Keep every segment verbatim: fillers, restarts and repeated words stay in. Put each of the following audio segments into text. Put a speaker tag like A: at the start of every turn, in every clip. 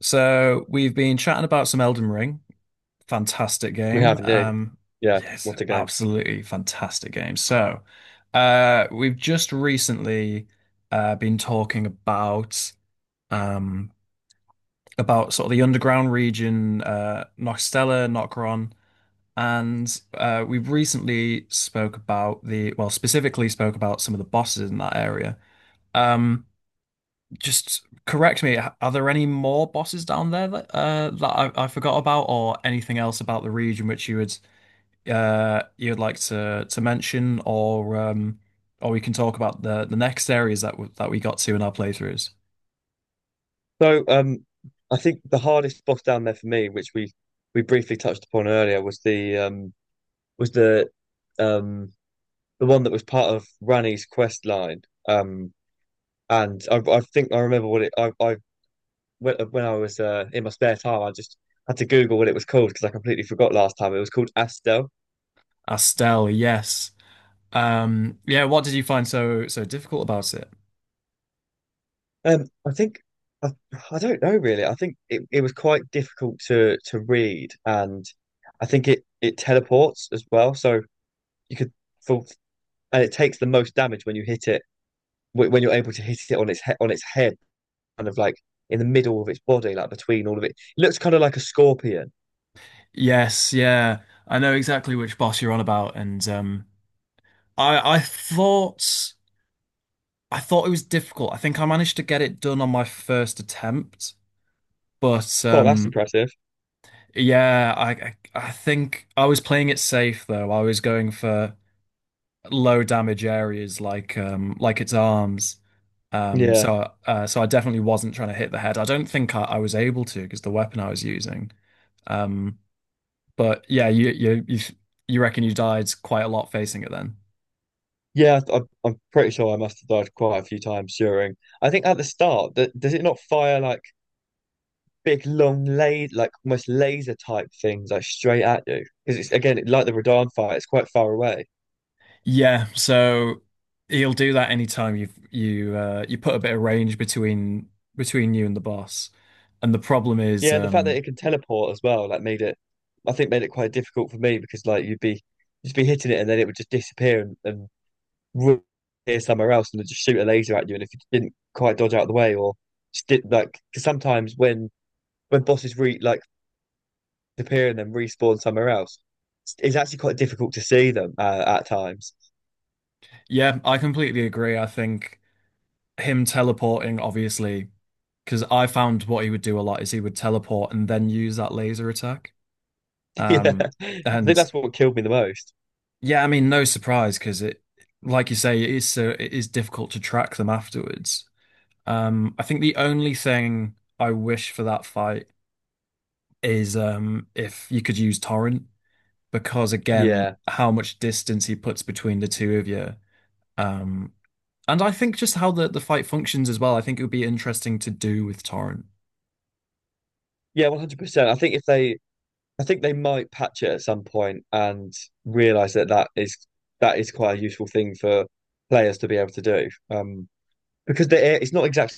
A: So we've been chatting about some Elden Ring. Fantastic
B: We
A: game.
B: have indeed.
A: Um,
B: Yeah,
A: yes,
B: what a game.
A: absolutely fantastic game. So uh, we've just recently uh, been talking about um, about sort of the underground region, uh, Noxtella, Nokron, and uh, we've recently spoke about the well, specifically spoke about some of the bosses in that area. Um, just correct me. h- Are there any more bosses down there that uh that I, I forgot about, or anything else about the region which you would uh you'd like to to mention, or um or we can talk about the the next areas that w that we got to in our playthroughs.
B: So, um, I think the hardest boss down there for me, which we we briefly touched upon earlier, was the um was the um the one that was part of Rani's quest line. Um, and I I think I remember what it I I when when I was uh, in my spare time, I just had to Google what it was called because I completely forgot last time. It was called Astel.
A: Astel, yes. Um, yeah. What did you find so so difficult about it?
B: Um, I think I, I don't know really. I think it, it was quite difficult to to read, and I think it it teleports as well. So you could full and it takes the most damage when you hit it wh- when you're able to hit it on its he on its head, kind of like in the middle of its body, like between all of it. It looks kind of like a scorpion.
A: Yes, yeah. I know exactly which boss you're on about, and um, I I thought I thought it was difficult. I think I managed to get it done on my first attempt. But
B: Oh, that's
A: um,
B: impressive.
A: yeah, I, I I think I was playing it safe though. I was going for low damage areas like um like its arms. Um,
B: Yeah,
A: so uh, so I definitely wasn't trying to hit the head. I don't think I, I was able to because the weapon I was using. Um, but yeah, you you you you reckon you died quite a lot facing it then?
B: yeah. I, I'm I'm pretty sure I must have died quite a few times during. I think at the start, that does it not fire like? Big long lay like almost laser type things like straight at you because it's again like the Radahn fight, it's quite far away.
A: Yeah, so he'll do that anytime you you uh, you put a bit of range between between you and the boss. And the problem is,
B: Yeah, and the fact that
A: um,
B: it can teleport as well like made it, I think made it quite difficult for me, because like you'd be you'd be hitting it and then it would just disappear, and, and ru- appear somewhere else and then just shoot a laser at you. And if you didn't quite dodge out of the way or just did like, because sometimes when when bosses re like disappear and then respawn somewhere else, it's, it's actually quite difficult to see them uh, at times.
A: yeah, I completely agree. I think him teleporting, obviously, because I found what he would do a lot is he would teleport and then use that laser attack.
B: Yeah,
A: Um,
B: I think
A: and
B: that's what killed me the most.
A: yeah, I mean, no surprise because it, like you say, it is so it is difficult to track them afterwards. Um, I think the only thing I wish for that fight is um if you could use torrent because again
B: Yeah.
A: how much distance he puts between the two of you um and I think just how the the fight functions as well. I think it would be interesting to do with torrent.
B: Yeah, one hundred percent. I think if they I think they might patch it at some point and realize that that is that is quite a useful thing for players to be able to do. Um because the a- it's not exactly,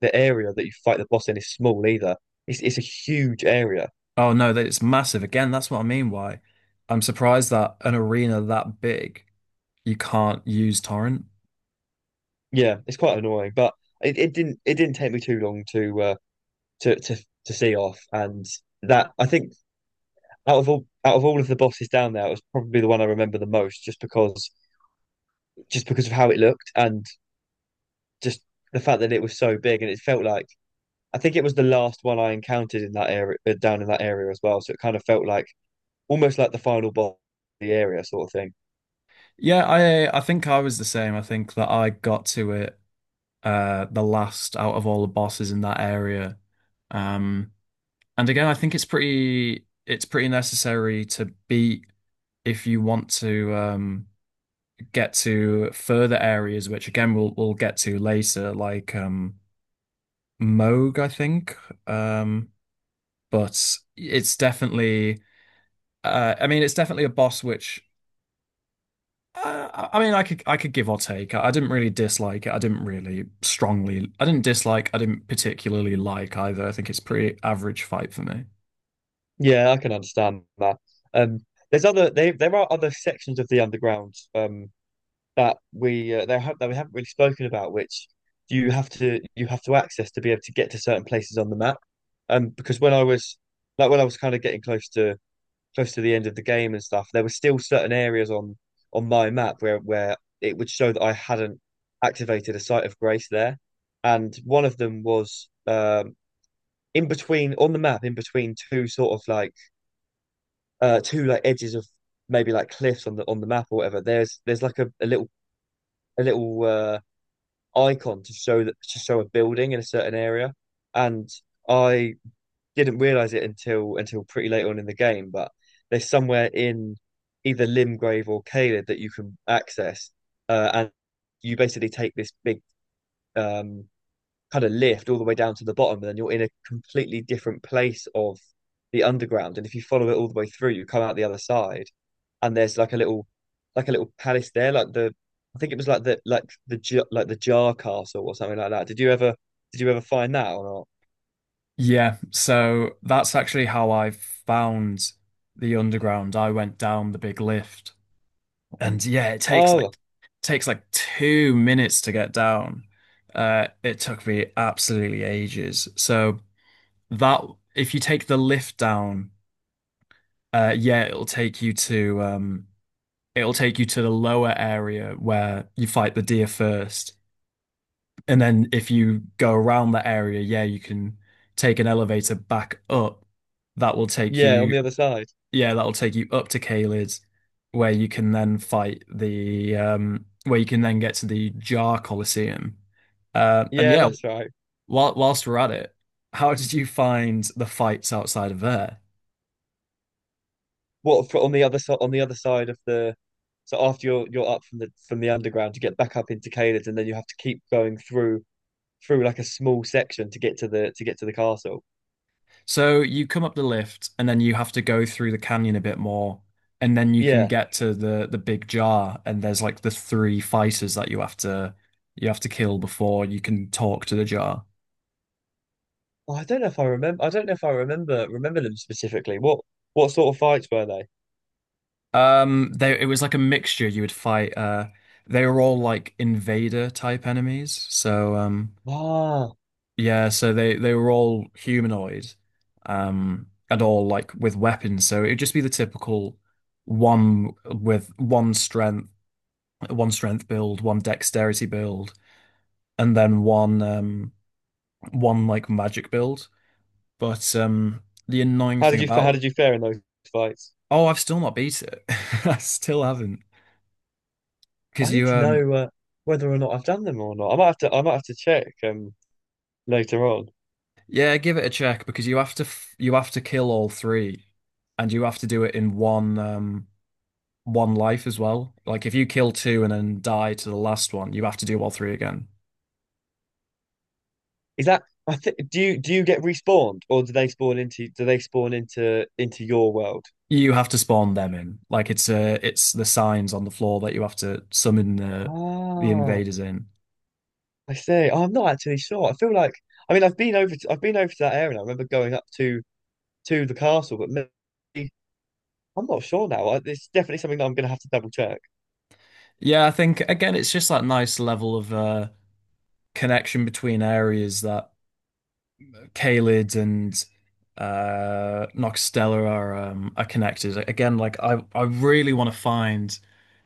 B: the area that you fight the boss in is small either. It's it's a huge area.
A: Oh no, that it's massive. Again, that's what I mean. Why I'm surprised that an arena that big you can't use torrent.
B: Yeah, it's quite annoying, but it, it didn't, it didn't take me too long to uh to to to see off. And that, I think, out of all out of all of the bosses down there, it was probably the one I remember the most, just because just because of how it looked and just the fact that it was so big. And it felt like, I think it was the last one I encountered in that area, uh, down in that area as well. So it kind of felt like almost like the final boss of the area, sort of thing.
A: Yeah, I I think I was the same. I think that I got to it uh the last out of all the bosses in that area. um And again, I think it's pretty it's pretty necessary to beat if you want to um, get to further areas, which again we'll we'll get to later, like um, Moog, I think. Um, but it's definitely uh, I mean it's definitely a boss which uh, I I mean I could I could give or take. I didn't really dislike it. I didn't really strongly. I didn't dislike. I didn't particularly like either. I think it's a pretty average fight for me.
B: Yeah, I can understand that. Um, there's other they, there are other sections of the underground um that we uh, there that we haven't really spoken about, which you have to you have to access to be able to get to certain places on the map. Um, because when I was, like when I was kind of getting close to close to the end of the game and stuff, there were still certain areas on on my map where where it would show that I hadn't activated a site of grace there, and one of them was, um, in between on the map, in between two sort of like, uh, two like edges of maybe like cliffs on the on the map or whatever. There's there's like a, a little a little uh, icon to show that, to show a building in a certain area, and I didn't realize it until until pretty late on in the game, but there's somewhere in either Limgrave or Caelid that you can access, uh, and you basically take this big, um, kind of lift all the way down to the bottom, and then you're in a completely different place of the underground. And if you follow it all the way through, you come out the other side, and there's like a little, like a little palace there, like the, I think it was like the, like the J- like the Jar Castle or something like that. Did you ever did you ever find that or not?
A: Yeah, so that's actually how I found the underground. I went down the big lift, and yeah, it takes
B: Oh,
A: like takes like two minutes to get down. Uh, it took me absolutely ages. So that if you take the lift down, uh, yeah, it'll take you to um, it'll take you to the lower area where you fight the deer first, and then if you go around that area, yeah, you can take an elevator back up that will take
B: yeah, on
A: you
B: the other side.
A: yeah, that'll take you up to Caelid, where you can then fight the um where you can then get to the Jar Colosseum. Uh, and
B: Yeah,
A: yeah,
B: that's right.
A: while, whilst we're at it, how did you find the fights outside of there?
B: What, for on the other side, on the other side of the, so after you're you're up from the from the underground you get back up into Caelid, and then you have to keep going through through like a small section to get to the to get to the castle.
A: So you come up the lift and then you have to go through the canyon a bit more, and then you can
B: Yeah.
A: get to the the big jar, and there's like the three fighters that you have to you have to kill before you can talk to the jar.
B: Oh, I don't know if I remember, I don't know if I remember remember them specifically. What what sort of fights were they?
A: Um, they it was like a mixture. You would fight. Uh, they were all like invader type enemies. So um,
B: Ah,
A: yeah. So they they were all humanoid, um, and all like with weapons. So it'd just be the typical one with one strength, one strength build, one dexterity build, and then one um one like magic build. But um, the annoying
B: how did
A: thing
B: you fa- how
A: about
B: did you fare in those fights?
A: oh, I've still not beat it. I still haven't because
B: I need
A: you
B: to
A: um.
B: know, uh, whether or not I've done them or not. I might have to, I might have to check um later on.
A: Yeah, give it a check because you have to f you have to kill all three, and you have to do it in one um one life as well. Like if you kill two and then die to the last one, you have to do all three again.
B: Is that, I think, do you do you get respawned, or do they spawn into, do they spawn into into your world?
A: You have to spawn them in. Like it's uh it's the signs on the floor that you have to summon the the
B: Ah,
A: invaders in.
B: I see. Oh, I'm not actually sure. I feel like, I mean I've been over to, I've been over to that area, and I remember going up to to the castle, but maybe I'm not sure now. I- It's definitely something that I'm gonna have to double check.
A: Yeah, I think again it's just that nice level of uh connection between areas that Caelid and uh Noxtella are um are connected. Again, like I I really want to find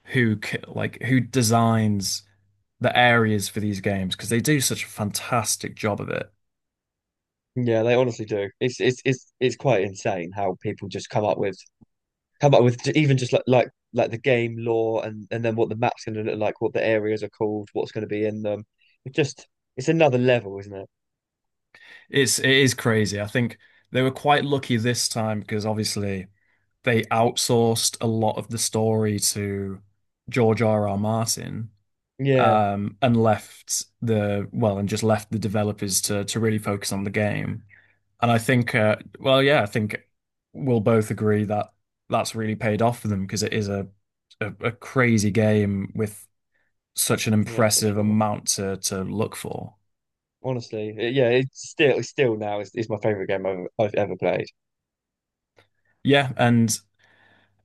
A: who c- like who designs the areas for these games because they do such a fantastic job of it.
B: Yeah, they honestly do. It's it's it's it's quite insane how people just come up with come up with j- even just like like like the game lore, and and then what the map's gonna look like, what the areas are called, what's gonna be in them. It just, it's another level, isn't it?
A: It's it is crazy. I think they were quite lucky this time because obviously they outsourced a lot of the story to George R. R. Martin,
B: Yeah,
A: um, and left the well and just left the developers to to really focus on the game. And I think, uh, well, yeah, I think we'll both agree that that's really paid off for them because it is a, a a crazy game with such an
B: yeah, for
A: impressive
B: sure.
A: amount to to look for.
B: Honestly, it- yeah, it's still, it's still now is, is my favorite game I've, I've ever played.
A: Yeah, and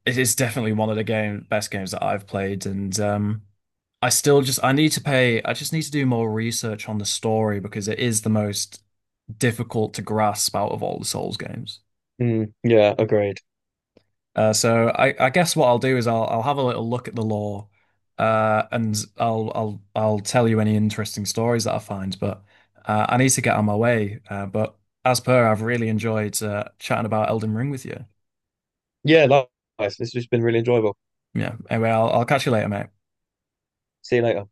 A: it is definitely one of the game best games that I've played, and um, I still just I need to pay. I just need to do more research on the story because it is the most difficult to grasp out of all the Souls games.
B: Mm, yeah, agreed.
A: Uh, so I, I guess what I'll do is I'll I'll have a little look at the law, uh, and I'll I'll I'll tell you any interesting stories that I find. But uh, I need to get on my way. Uh, but as per, I've really enjoyed uh, chatting about Elden Ring with you.
B: Yeah, likewise. This has been really enjoyable.
A: Yeah. Anyway, I'll I'll catch you later, mate.
B: See you later.